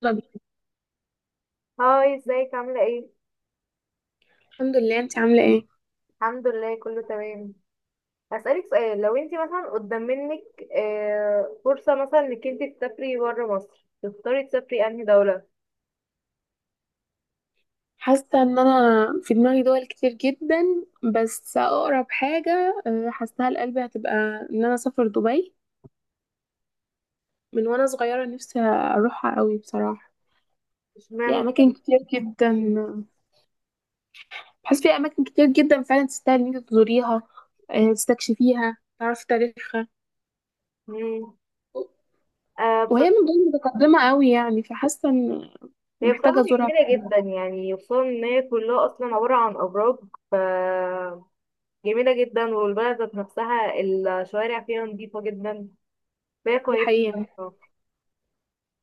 طب. هاي، ازيك؟ عاملة ايه؟ الحمد لله، انت عاملة ايه؟ الحمد لله كله تمام. هسألك سؤال، لو انت مثلا قدام منك فرصة مثلا انك انت تسافري برا مصر، تختاري تسافري انهي دولة؟ حاسة ان انا في دماغي دول كتير جدا. بس اقرب حاجة، حاساها لقلبي، هتبقى ان انا اسافر دبي. من وانا صغيرة نفسي اروحها قوي بصراحة. في اشمعنى؟ اماكن كتير جدا بحس في اماكن كتير جدا فعلا تستاهل ان انت تزوريها، اه، تستكشفيها، تعرفي تاريخها. مم. آه، وهي من بصراحة دول متقدمة قوي يعني، فحاسة ان هي بصراحة محتاجة ازورها جميلة فعلا. جدا، يعني خصوصا ان هي كلها اصلا عبارة عن ابراج. ف جميلة جدا، والبلد ذات نفسها الشوارع فيها نظيفة جدا، فهي دي كويسة. حقيقة.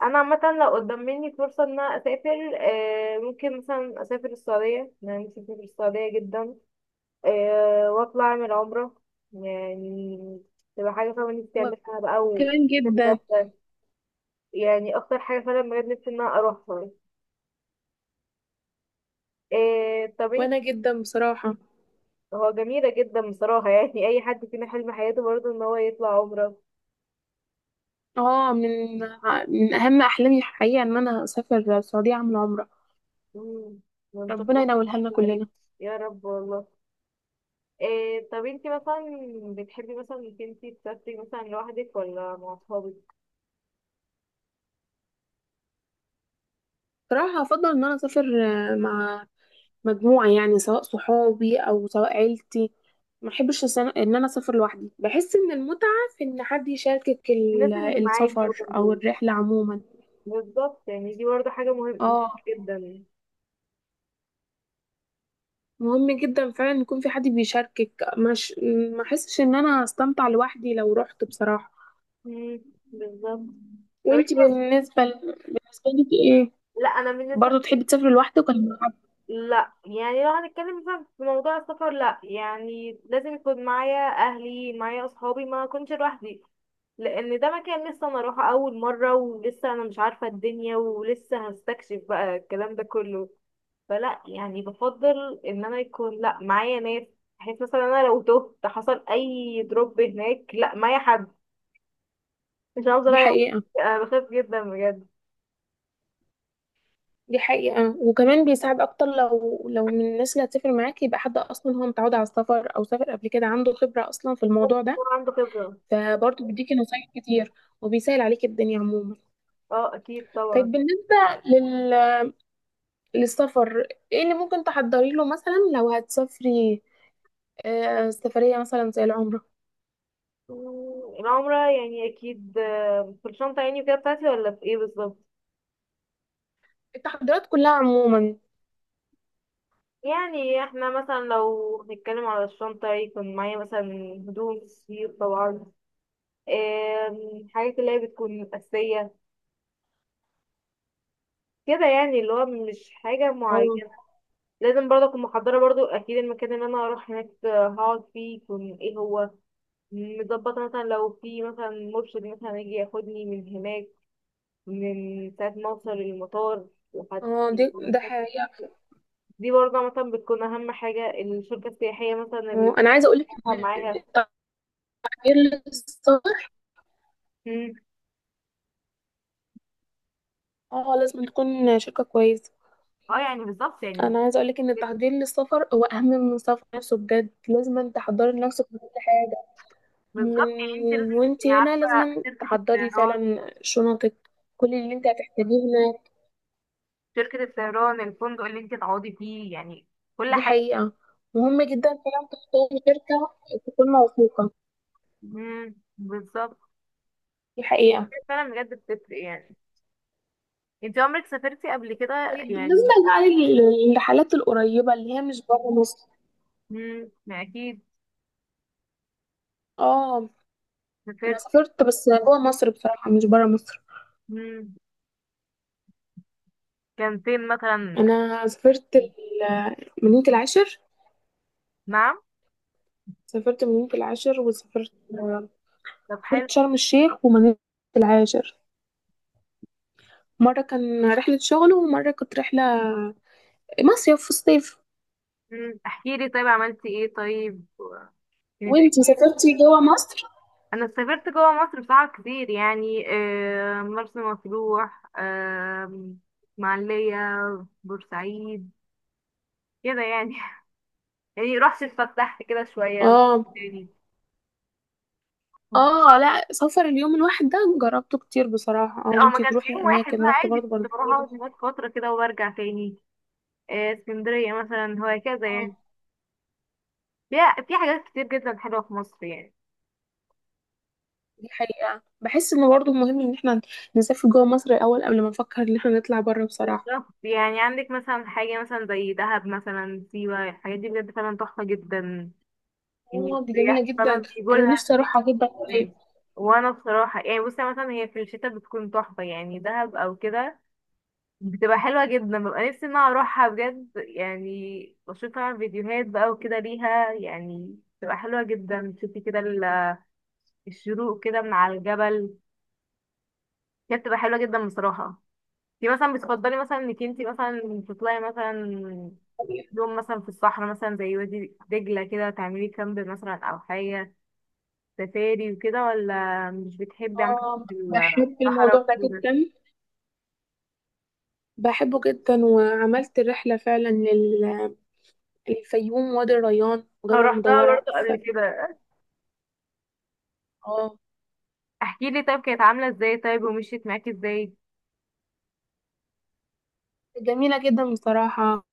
انا عامه لو قدام مني فرصه ان انا اسافر، ممكن مثلا اسافر السعوديه، انا نفسي اسافر السعوديه جدا. واطلع اعمل عمره يعني، تبقى حاجه فعلا نفسي وانا اعملها بقى كمان جدا. بجد يعني اكتر حاجه فعلا بجد نفسي ان انا اروحها. طب انت، وانا جدا بصراحة. هو جميله جدا بصراحه يعني اي حد فينا حلم حياته برضه ان هو يطلع عمره. من اهم احلامي الحقيقه ان انا اسافر السعوديه اعمل عمره. مم، ونشوف. ربنا ينولها لنا كلنا. يا رب والله. إيه طب انتي مثلا بتحبي مثلا انك انتي تسافري مثلا لوحدك ولا مع اصحابك؟ صراحه افضل ان انا اسافر مع مجموعه، يعني سواء صحابي او سواء عيلتي. ما احبش ان انا اسافر لوحدي. بحس ان المتعه في ان حد يشاركك الناس اللي معاكي السفر او وجنبك. الرحله عموما. بالظبط، يعني دي برضه حاجة مهمة اه. جدا. مهم جدا فعلا يكون في حد بيشاركك. مش ما احسش ان انا استمتع لوحدي لو رحت بصراحه. مم، بالظبط. طب وانتي انت، بالنسبه ل... بالنسبه لك ايه؟ لا انا بالنسبة برضه لي تحبي تسافري لوحدك ولا مع حد؟ لا، يعني لو هنتكلم مثلا في موضوع السفر لا، يعني لازم يكون معايا اهلي، معايا اصحابي، ما اكونش لوحدي. لان ده مكان لسه انا اروحه اول مرة، ولسه انا مش عارفة الدنيا ولسه هستكشف بقى الكلام ده كله. فلا يعني بفضل ان انا يكون لا معايا ناس، بحيث مثلا انا لو تهت حصل اي دروب هناك لا معايا حد، مش هفضل دي يعني حقيقة. انا بخاف جدا بجد. دي حقيقة. وكمان بيساعد أكتر لو من الناس اللي هتسافر معاكي، يبقى حد أصلا هو متعود على السفر أو سافر قبل كده، عنده خبرة أصلا في الموضوع ده. هو عنده خبرة. فبرضه بيديكي نصايح كتير وبيسهل عليكي الدنيا عموما. اه اكيد طبعا. طيب، لل... للسفر ايه اللي ممكن تحضري له مثلا لو هتسافري سفرية مثلا زي العمرة؟ العمرة يعني اكيد، في الشنطة يعني كده بتاعتي، ولا في ايه بالظبط؟ التحضيرات كلها عموما. يعني احنا مثلا لو هنتكلم على الشنطة، يكون معايا مثلا هدوم كتير طبعا، حاجات اللي هي بتكون أساسية كده، يعني اللي هو مش حاجة اه، معينة. لازم برضه اكون محضره برضه اكيد المكان اللي انا هروح هناك هقعد فيه يكون ايه هو، مظبطه. مثلا لو في مثلا مرشد مثلا يجي ياخدني من هناك من ساعه ما اوصل المطار لحد اه، ده المستشفى. حقيقة. دي برضه مثلا بتكون اهم حاجه، الشركه السياحيه مثلا اللي اه أنا عايزة أقولك إن بتتعب معاها. التحضير للسفر مم. اه لازم تكون شركة كويسة. اه يعني بالظبط يعني. انا عايزة اقولك ان التحضير للسفر هو اهم من السفر نفسه، بجد لازم تحضري نفسك في كل حاجة. من بالظبط، يعني انت لازم تكوني وانتي هنا عارفه لازم شركه تحضري الطيران، فعلا شنطك، كل اللي انت هتحتاجيه هناك. شركه الطيران، الفندق اللي انت تقعدي فيه، يعني كل دي حاجه. حقيقة. مهم جدا فعلا تختاري شركة تكون موثوقة. مم. بالظبط، دي حقيقة. فعلا بجد بتفرق يعني. انت عمرك سافرتي قبل كده طيب يعني؟ بالنسبة بقى للرحلات القريبة اللي هي مش بره مصر. امم، ما اكيد اه. انا سافرت. سافرت بس جوه مصر بصراحة، مش بره مصر. امم، كان فين مثلا؟ انا سافرت من العاشر. نعم. سافرت مدينة العاشر، وسافرت طب حلو. سافرت شرم الشيخ ومدينة العاشر. مرة كان رحلة شغل، ومرة كانت رحلة مصيف في الصيف. امم، احكي لي طيب، عملتي ايه طيب؟ كانت وانتي إيه؟ سافرتي جوا مصر؟ انا سافرت جوه مصر بصراحه كتير يعني، مرسى مطروح، اسماعيليه، بورسعيد، كده يعني يعني رحت اتفسحت كده شويه اه، تاني. اه، لا، سفر اليوم الواحد ده جربته كتير بصراحة. اه، اه، ما انتي كانش تروحي يوم واحد اماكن لا، رحت برضه عادي كنت بروح بنطلون. اقعد هناك فتره كده وبرجع تاني. اسكندريه مثلا، هكذا يعني. اه، فيها في حاجات كتير جدا حلوة في مصر يعني. دي حقيقة. بحس انه برضه مهم ان احنا نسافر جوا مصر الاول قبل ما نفكر ان احنا نطلع بره بصراحة. بالظبط. يعني عندك مثلا حاجة مثلا زي دهب مثلا، سيوة، الحاجات دي بجد فعلا تحفة جدا، يعني اه، دي جميلة السياح فعلا جدا، انا بيجولها. نفسي اروحها جدا قريب. وأنا بصراحة يعني بصي مثلا، هي في الشتاء بتكون تحفة يعني، دهب أو كده بتبقى حلوة جدا، ببقى نفسي إن أنا أروحها بجد يعني. بشوف طبعا فيديوهات بقى وكده ليها، يعني بتبقى حلوة جدا تشوفي كده الشروق كده من على الجبل، كانت بتبقى حلوة جدا بصراحة. دي مثلا بتفضلي مثلا انك انتي مثلا تطلعي مثلا يوم مثلا في الصحراء، مثلا زي وادي دجلة كده تعملي كامب مثلا او حاجة سفاري وكده، ولا مش بتحبي عامة اه، بحب الصحراء الموضوع ده وكده؟ جدا، بحبه جدا، وعملت الرحلة فعلا للفيوم، وادي الريان، انا وجبل رحتها مدورة برضه قبل كده. اه، احكي لي طيب، كانت عاملة ازاي طيب، ومشيت معاكي ازاي؟ جميلة جدا بصراحة.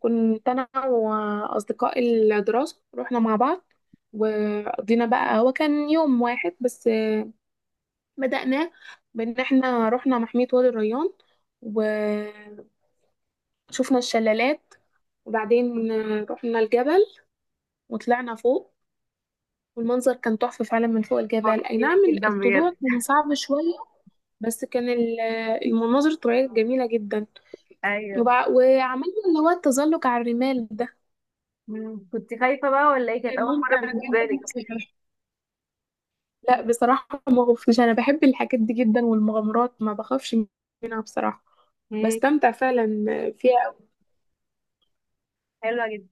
كنت أنا وأصدقاء الدراسة رحنا مع بعض. وقضينا بقى، هو كان يوم واحد بس، بدأناه بإن احنا رحنا محمية وادي الريان وشفنا الشلالات. وبعدين رحنا الجبل وطلعنا فوق، والمنظر كان تحفة فعلا من فوق هو الجبل، أي كان نعم. جميل جدا بجد. الطلوع كان صعب شوية، بس كان المناظر الطبيعية جميلة جدا. ايوه. وعملنا اللي هو التزلج على الرمال ده، مم. كنت خايفة بقى ولا ايه، كانت كان اول مرة ممتع بالنسبة جدا لك؟ بصراحة. لا بصراحة ما خفتش، أنا بحب الحاجات دي جدا والمغامرات ما بخافش منها بصراحة، مم. بستمتع فعلا فيها. حلوة جدا.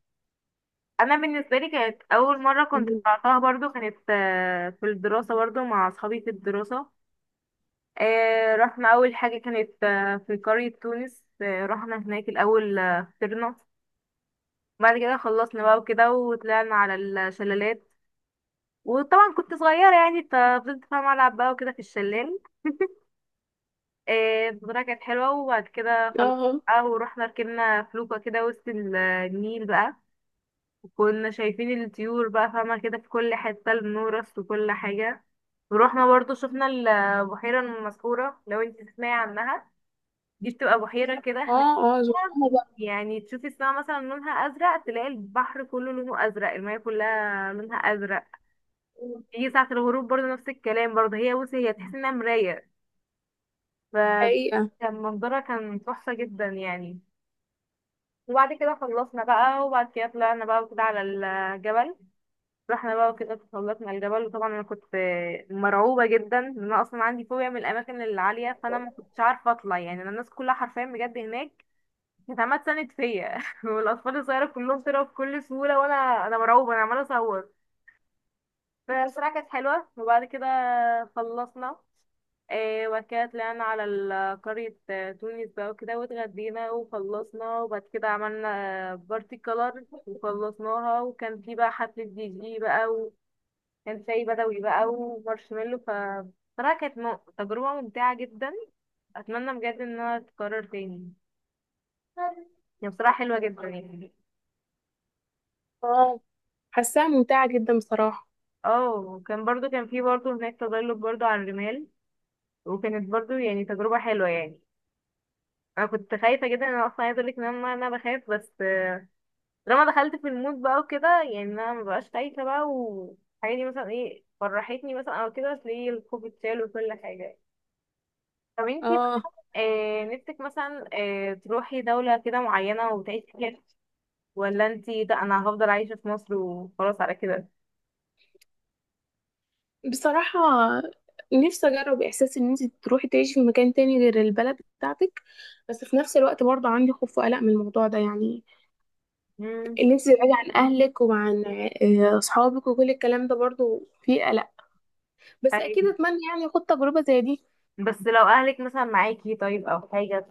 انا بالنسبه لي كانت اول مره كنت أوي. طلعتها برضو، كانت في الدراسه، برضو مع اصحابي في الدراسه. رحنا اول حاجه كانت في قريه تونس، رحنا هناك الاول، فطرنا. بعد كده خلصنا بقى وكده وطلعنا على الشلالات، وطبعا كنت صغيره يعني ففضلت فاهمه العب بقى وكده في الشلال. البطوله كانت حلوه. وبعد كده خلصنا اه، بقى ورحنا ركبنا فلوكه كده وسط النيل بقى، كنا شايفين الطيور بقى فاهمة كده، في كل حتة النورس وكل حاجة. ورحنا برضو شفنا البحيرة المسحورة لو انت تسمعي عنها، دي بتبقى بحيرة كده هناك، اه، اه، زحلوقة بقى، يعني تشوفي السماء مثلا لونها أزرق، تلاقي البحر كله لونه أزرق، المياه كلها لونها أزرق. يجي ساعة الغروب برضو نفس الكلام برضو، هي بصي هي تحس انها مراية. حقيقة. فكان منظرها كان تحفة جدا يعني. وبعد كده خلصنا بقى، وبعد كده طلعنا بقى وكده على الجبل. رحنا بقى وكده تسلقنا الجبل، وطبعا انا كنت مرعوبه جدا، ان انا اصلا عندي فوبيا من الاماكن العاليه، فانا ما كنتش عارفه اطلع يعني. انا الناس كلها حرفيا بجد هناك كانت عماله تساند فيا والاطفال الصغيره كلهم طلعوا بكل سهوله، وانا مرعوبه، انا عماله اصور. فالصراحه كانت حلوه. وبعد كده خلصنا، وبعد كده طلعنا على قرية تونس بقى وكده، واتغدينا وخلصنا. وبعد كده عملنا بارتي كولر وخلصناها، وكان في بقى حفلة دي جي بقى، كان شاي بدوي بقى ومارشميلو. بصراحة كانت تجربة ممتعة جدا، أتمنى بجد إنها تتكرر تاني يعني. بصراحة حلوة جدا يعني. اه، حاساها ممتعة جدا بصراحة. اه، وكان برضو كان في برضو هناك تزلج برضو على الرمال، وكانت برضو يعني تجربة حلوة يعني. أنا كنت خايفة جدا، أنا أصلا عايزة أقولك إن أنا بخاف، بس لما دخلت في المود بقى وكده، يعني أنا مبقاش خايفة بقى. والحاجة دي مثلا إيه فرحتني مثلا أو كده، بس ليه الخوف اتشال وكل حاجة. طب انتي، اه نفسك مثلا تروحي دولة كده معينة وتعيشي فيها، ولا انتي ده انا هفضل عايشة في مصر وخلاص على كده؟ بصراحة نفسي أجرب إحساس إن أنت تروحي تعيشي في مكان تاني غير البلد بتاعتك. بس في نفس الوقت برضه عندي خوف وقلق من الموضوع ده، يعني امم. إن أنت تبعدي عن أهلك وعن أصحابك وكل الكلام ده، برضه فيه قلق. بس طيب، أكيد أتمنى يعني أخد تجربة زي دي. بس لو اهلك مثلا معاكي طيب او حاجة،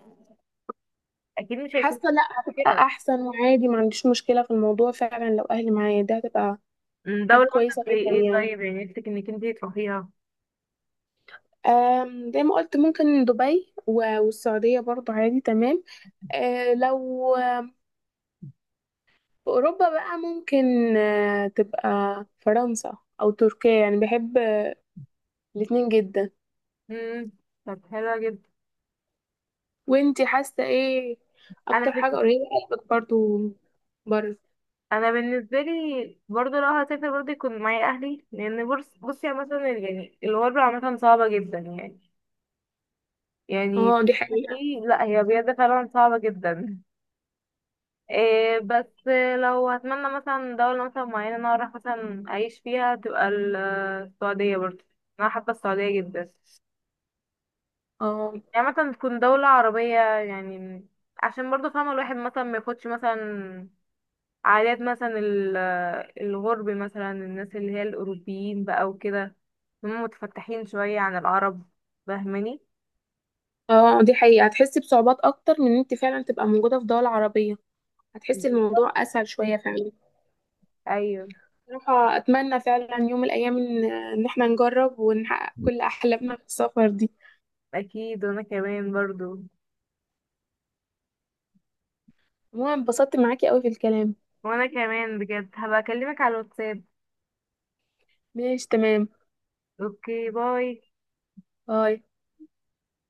اكيد مش حاسة هيكون لأ، هتبقى كده. أحسن، وعادي ما عنديش مشكلة في الموضوع فعلا، لو أهلي معايا ده هتبقى حاجة دولة مثلا كويسة زي جدا ايه يعني. طيب، يعني نفسك انك انتي تروحيها؟ زي ما قلت ممكن دبي والسعودية برضه، عادي تمام. لو في أوروبا بقى ممكن تبقى فرنسا أو تركيا، يعني بحب الاتنين جدا. امم. طب حلوة جدا. وانتي حاسة ايه أكتر انا بن... حاجة قريبة لقلبك برضو بره؟ انا بالنسبة لي برضه لو هسافر برضه يكون معايا اهلي، لان بص بصي يعني مثلا يعني الغربة عامة صعبة جدا يعني. يعني اه، دي حقيقة. ايه، لا هي بجد فعلا صعبة جدا. إيه بس لو هتمنى مثلا دولة مثلا معينة انا اروح مثلا اعيش فيها، تبقى السعودية برضه، انا حابة السعودية جدا. اه، يعني مثلا تكون دولة عربية يعني، عشان برضه فاهمة الواحد مثلا ما ياخدش مثلا عادات مثلا الغرب مثلا، الناس اللي هي الأوروبيين بقى وكده، هم متفتحين شوية عن العرب، فاهماني؟ اه، دي حقيقة. هتحسي بصعوبات أكتر من ان انتي فعلا تبقى موجودة في دول عربية، هتحسي الموضوع أسهل شوية فعلا. ايوه، بصراحة أتمنى فعلا يوم من الأيام إن احنا نجرب ونحقق كل أحلامنا في السفر دي. اكيد وانا كمان برضو. عموما اتبسطت معاكي أوي في الكلام. وانا كمان بجد هبقى اكلمك على الواتساب. ماشي تمام. اوكي، باي. باي.